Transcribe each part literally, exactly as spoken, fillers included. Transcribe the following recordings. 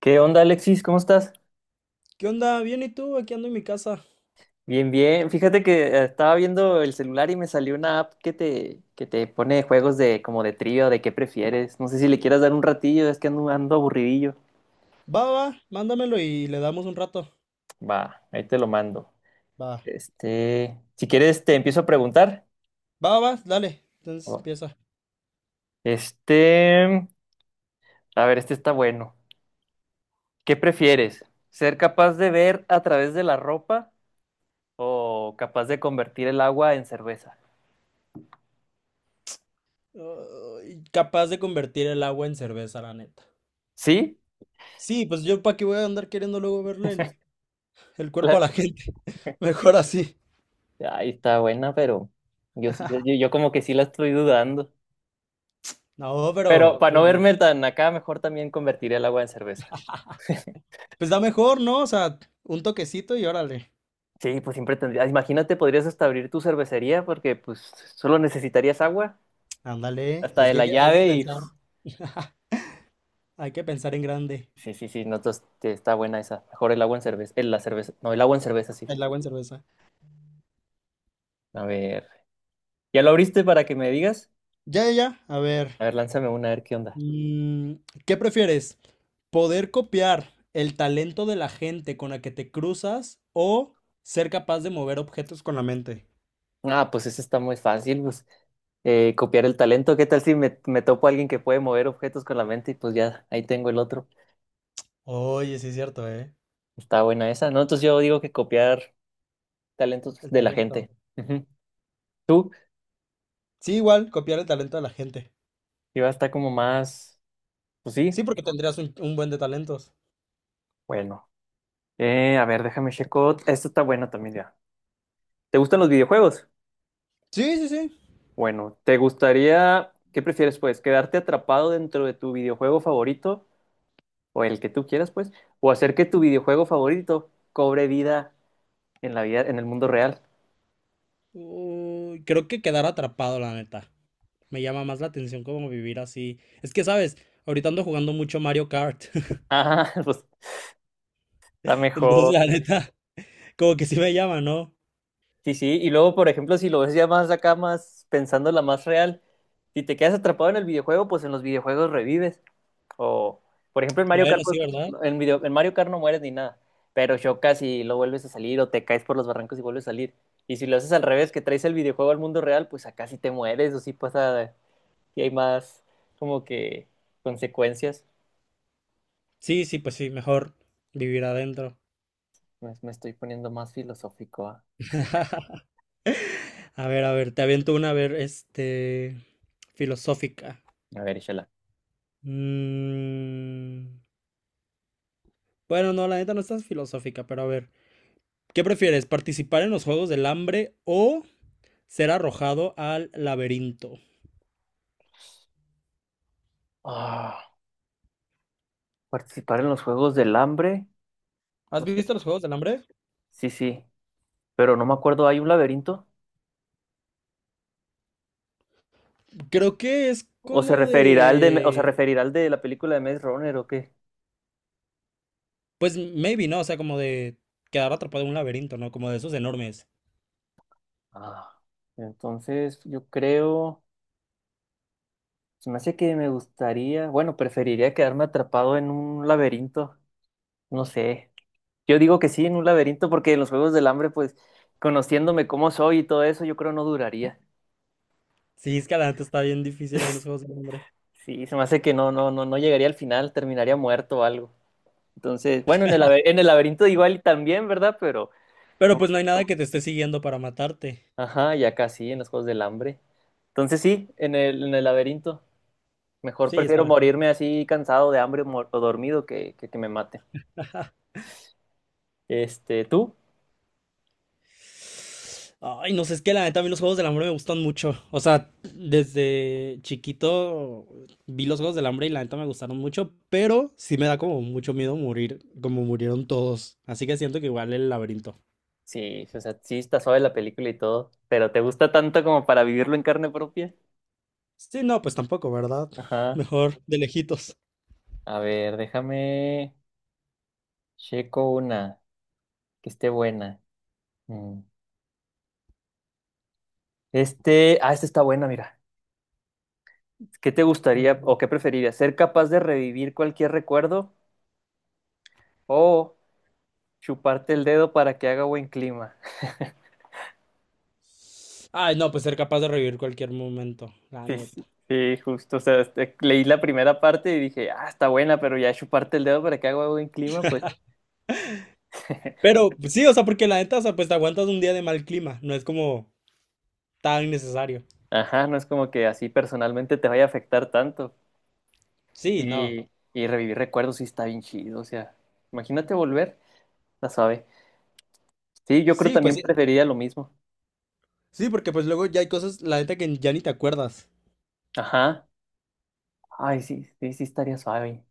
¿Qué onda, Alexis? ¿Cómo estás? ¿Qué onda? Bien, ¿y tú? Aquí ando en mi casa. Bien, bien. Fíjate que eh, estaba viendo el celular y me salió una app que te, que te pone juegos de como de trío, de qué prefieres. No sé si le quieras dar un ratillo, es que ando, ando aburridillo. Va, va, va, mándamelo y le damos un rato. Va, ahí te lo mando. Va, Este, si quieres te empiezo a preguntar. va, va, dale. Entonces Oh. empieza. Este, a ver, este está bueno. ¿Qué prefieres? ¿Ser capaz de ver a través de la ropa o capaz de convertir el agua en cerveza? Ay, capaz de convertir el agua en cerveza, la neta. ¿Sí? Sí, pues yo para qué voy a andar queriendo luego verle el, el cuerpo a La- la gente. Mejor así. Ay, está buena, pero yo, sí- yo, yo yo como que sí la estoy dudando. No, Pero pero para no pues, verme tan acá, mejor también convertiré el agua en cerveza. pues da mejor, ¿no? O sea, un toquecito y órale. Sí, pues siempre tendría. Imagínate, podrías hasta abrir tu cervecería porque pues solo necesitarías agua, Ándale, hasta es de que hay la que, hay que llave y pensar. Hay que pensar en grande. sí, sí, sí, no, entonces, te- está buena esa. Mejor el agua en cerveza, el, la cerveza, no, el agua en cerveza, sí. El agua en cerveza. A ver, ¿ya lo abriste para que me digas? Ya, ya, ya. A ver. A ver, lánzame una, a ver qué onda. Mm, ¿qué prefieres? ¿Poder copiar el talento de la gente con la que te cruzas o ser capaz de mover objetos con la mente? Ah, pues esa está muy fácil, pues. Eh, copiar el talento. ¿Qué tal si me, me topo a alguien que puede mover objetos con la mente y pues ya ahí tengo el otro? Oye, sí es cierto, ¿eh? Está buena esa, ¿no? Entonces yo digo que copiar talentos El de la talento. gente. Ujú. Tú Sí, igual, copiar el talento de la gente. iba a estar como más, pues sí, Sí, porque tendrías un, un buen de talentos. bueno. Eh, a ver, déjame checo. Esto está bueno también ya. ¿Te gustan los videojuegos? Sí, sí, sí. Bueno, ¿te gustaría, qué prefieres pues, quedarte atrapado dentro de tu videojuego favorito o el que tú quieras pues, o hacer que tu videojuego favorito cobre vida en la vida, en el mundo real? Uy, creo que quedar atrapado, la neta. Me llama más la atención como vivir así. Es que, ¿sabes? Ahorita ando jugando mucho Mario Kart. Ah, pues está Entonces, mejor. la neta, como que sí me llama, ¿no? Sí, sí. Y luego, por ejemplo, si lo ves ya más acá, más pensando la más real, si te quedas atrapado en el videojuego, pues en los videojuegos revives. O, por ejemplo, en Mario Kart, Bueno, pues, sí, ¿verdad? en, video- en Mario Kart no mueres ni nada, pero chocas y lo vuelves a salir o te caes por los barrancos y vuelves a salir. Y si lo haces al revés, que traes el videojuego al mundo real, pues acá sí te mueres o sí pasa, y hay más como que consecuencias. Sí, sí, pues sí, mejor vivir adentro. Me, me estoy poniendo más filosófico. Ah. A ver, a ver, te aviento una, a ver, este, filosófica. A ver, échala. Mm, bueno, no, la neta no estás filosófica, pero a ver, ¿qué prefieres, participar en los Juegos del Hambre o ser arrojado al laberinto? Ah, participar en los Juegos del Hambre. ¿Has visto los Juegos del Hambre? Sí, sí, pero no me acuerdo, ¿hay un laberinto? Creo que es ¿O se como referirá al de, o se de, referirá al de la película de Maze Runner o qué? pues maybe, ¿no? O sea, como de quedar atrapado en un laberinto, ¿no? Como de esos enormes. Ah, entonces yo creo, se me hace que me gustaría, bueno, preferiría quedarme atrapado en un laberinto, no sé. Yo digo que sí, en un laberinto, porque en los Juegos del Hambre, pues, conociéndome cómo soy y todo eso, yo creo no duraría. Sí, es que la neta está bien difícil ahí en los Juegos del Hambre. Sí, se me hace que no, no, no, no llegaría al final, terminaría muerto o algo. Entonces, bueno, en el, laber- en el laberinto igual y también, ¿verdad? Pero... Pero pues no hay nada que te esté siguiendo para matarte. Ajá, y acá sí, en los Juegos del Hambre. Entonces sí, en el, en el laberinto. Mejor Sí, está prefiero mejor. morirme así cansado de hambre o mor- o dormido que, que que me mate. Este, ¿tú? Ay, no sé, es que la neta a mí los Juegos del Hambre me gustan mucho. O sea, desde chiquito vi los Juegos del Hambre y la neta me gustaron mucho, pero sí me da como mucho miedo morir, como murieron todos. Así que siento que igual el laberinto. Sí, o sea, sí está suave la película y todo, pero ¿te gusta tanto como para vivirlo en carne propia? Sí, no, pues tampoco, ¿verdad? Ajá. Mejor de lejitos. A ver, déjame checo una que esté buena. Mm. Este, ah, esta está buena, mira. ¿Qué te A gustaría ver. o qué preferirías? ¿Ser capaz de revivir cualquier recuerdo o chuparte el dedo para que haga buen clima? Ay, no, pues ser capaz de revivir cualquier momento, la Sí, neta. sí, sí, justo. O sea, este, leí la primera parte y dije, ah, está buena, pero ya chuparte el dedo para que haga buen clima, pues, Pero pues, sí, o sea, porque la neta, o sea, pues te aguantas un día de mal clima. No es como tan necesario. ajá, no es como que así personalmente te vaya a afectar tanto. Sí, no. Y, y revivir recuerdos sí está bien chido, o sea, imagínate volver, la suave. Sí, yo creo Sí, pues también sí, preferiría lo mismo. sí, porque pues luego ya hay cosas, la neta, que ya ni te acuerdas. Ajá. Ay, sí, sí, sí estaría suave.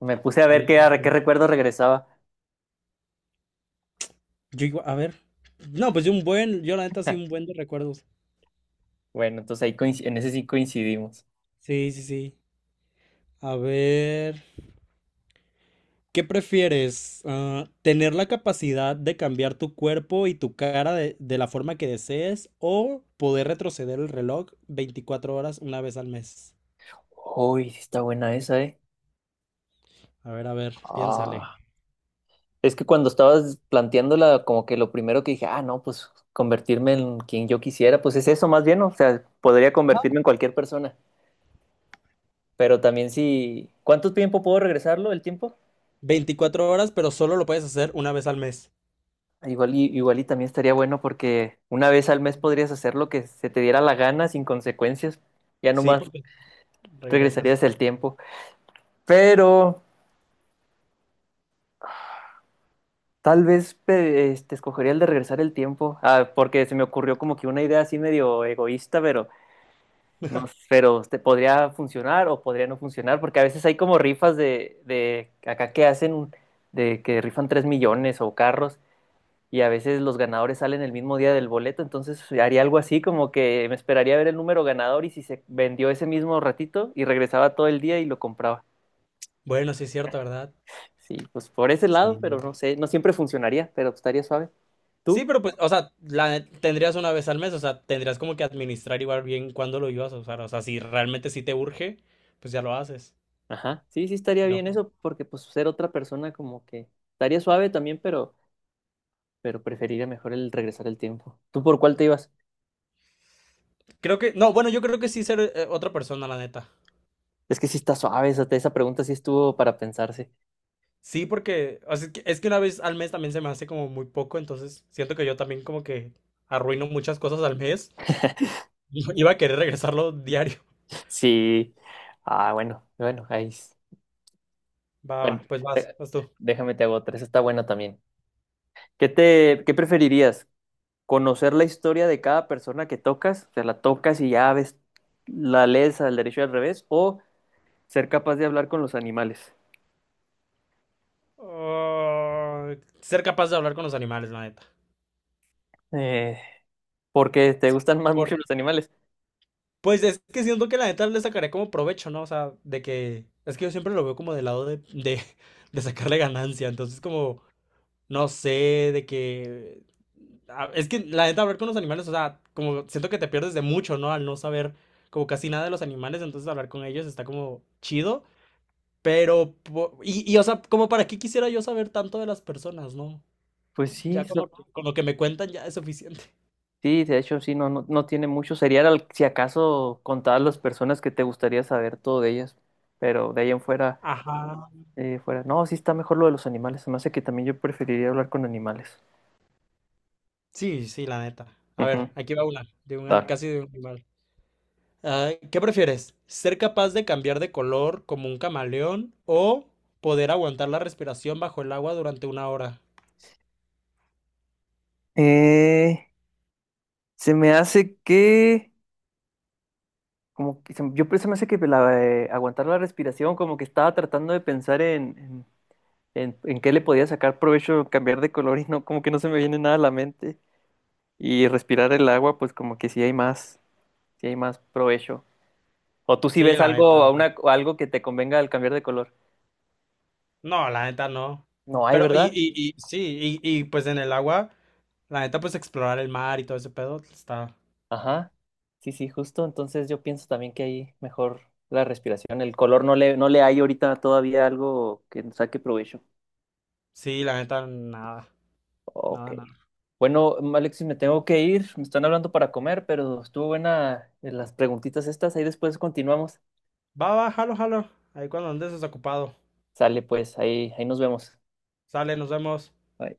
Me puse a ver Sí, qué, sí, a qué sí. recuerdo regresaba. Yo igual, a ver. No, pues yo un buen, yo la neta sí un buen de recuerdos. Bueno, entonces ahí coinci- en ese sí coincidimos. Sí, sí, sí. A ver, ¿qué prefieres? Ah, ¿tener la capacidad de cambiar tu cuerpo y tu cara de, de la forma que desees o poder retroceder el reloj veinticuatro horas una vez al mes? Uy, sí está buena esa, ¿eh? A ver, a ver, piénsale. Ah. Es que cuando estabas planteándola, como que lo primero que dije, ah, no, pues convertirme en quien yo quisiera, pues es eso más bien, ¿no? O sea, podría convertirme en cualquier persona, pero también si... ¿Cuánto tiempo puedo regresarlo, el tiempo? Veinticuatro horas, pero solo lo puedes hacer una vez al mes. Igual y, igual y también estaría bueno porque una vez al mes podrías hacer lo que se te diera la gana sin consecuencias, ya Sí, nomás porque regresas. regresarías el tiempo, pero tal vez pe- este, escogería el de regresar el tiempo, ah, porque se me ocurrió como que una idea así medio egoísta, pero... No, pero te podría funcionar o podría no funcionar, porque a veces hay como rifas de, de acá que hacen, un- de que rifan tres millones o carros, y a veces los ganadores salen el mismo día del boleto, entonces haría algo así, como que me esperaría a ver el número ganador y si se vendió ese mismo ratito y regresaba todo el día y lo compraba. Bueno, sí es cierto, ¿verdad? Sí, pues por ese lado, pero Sí. no sé, no siempre funcionaría, pero estaría suave. Sí, ¿Tú? pero pues, o sea, la tendrías una vez al mes, o sea, tendrías como que administrar igual bien cuándo lo ibas a usar, o sea, si realmente sí te urge, pues ya lo haces. Ajá, sí, sí estaría No, bien pues, eso, porque pues ser otra persona como que estaría suave también, pero pero preferiría mejor el regresar el tiempo. ¿Tú por cuál te ibas? creo que, no, bueno, yo creo que sí ser eh, otra persona, la neta. Es que sí está suave, esa, esa pregunta sí estuvo para pensarse. Sí, porque, o sea, es que, es que una vez al mes también se me hace como muy poco, entonces siento que yo también como que arruino muchas cosas al mes. Y iba a querer regresarlo diario. Sí. Ah, bueno, bueno, ahí. S- Va, va, Bueno, pues vas, eh, vas tú. déjame te hago otra, esa está buena también. ¿Qué te, qué preferirías? ¿Conocer la historia de cada persona que tocas? O sea, la tocas y ya ves, la lees al derecho y al revés, o ser capaz de hablar con los animales. Ah, ser capaz de hablar con los animales, la neta. Eh, porque te gustan más mucho los animales. Pues es que siento que la neta le sacaré como provecho, ¿no? O sea, de que. Es que yo siempre lo veo como del lado de, de, de sacarle ganancia. Entonces, como, no sé, de que. a- Es que la neta, hablar con los animales, o sea, como siento que te pierdes de mucho, ¿no? Al no saber como casi nada de los animales, entonces hablar con ellos está como chido. Pero, po- y, y o sea, como para qué quisiera yo saber tanto de las personas, ¿no? Pues Ya sí, con lo, que- con lo que me cuentan ya es suficiente. sí, de hecho, sí, no, no, no tiene mucho. Sería al- si acaso contar las personas que te gustaría saber todo de ellas, pero de ahí en fuera, Ajá. eh, fuera. No, sí está mejor lo de los animales. Se me hace que también yo preferiría hablar con animales. Sí, sí, la neta. A ver, Ujú, aquí va una, de un, ani- dale. casi de un animal. Ah, ¿qué prefieres? ¿Ser capaz de cambiar de color como un camaleón o poder aguantar la respiración bajo el agua durante una hora? Eh, se me hace que, como que se- yo pues, se me hace que la, eh, aguantar la respiración, como que estaba tratando de pensar en, en, en, en qué le podía sacar provecho, cambiar de color y no, como que no se me viene nada a la mente. Y respirar el agua, pues como que sí hay más, sí hay más provecho. O tú si Sí, ves la neta, algo, o sea, una, algo que te convenga al cambiar de color. no, la neta no. No hay, Pero, y, ¿verdad? y, y sí, y, y pues en el agua, la neta, pues explorar el mar y todo ese pedo está. Ajá. Sí, sí, justo. Entonces yo pienso también que ahí mejor la respiración. El color no le, no le hay ahorita todavía algo que saque provecho. Sí, la neta, nada, Ok. nada, nada. Bueno, Alexis, me tengo que ir. Me están hablando para comer, pero estuvo buena eh, las preguntitas estas. Ahí después continuamos. Va, va, jalo, jalo. Ahí cuando andes desocupado. Sale pues, ahí, ahí nos vemos. Sale, nos vemos. Bye.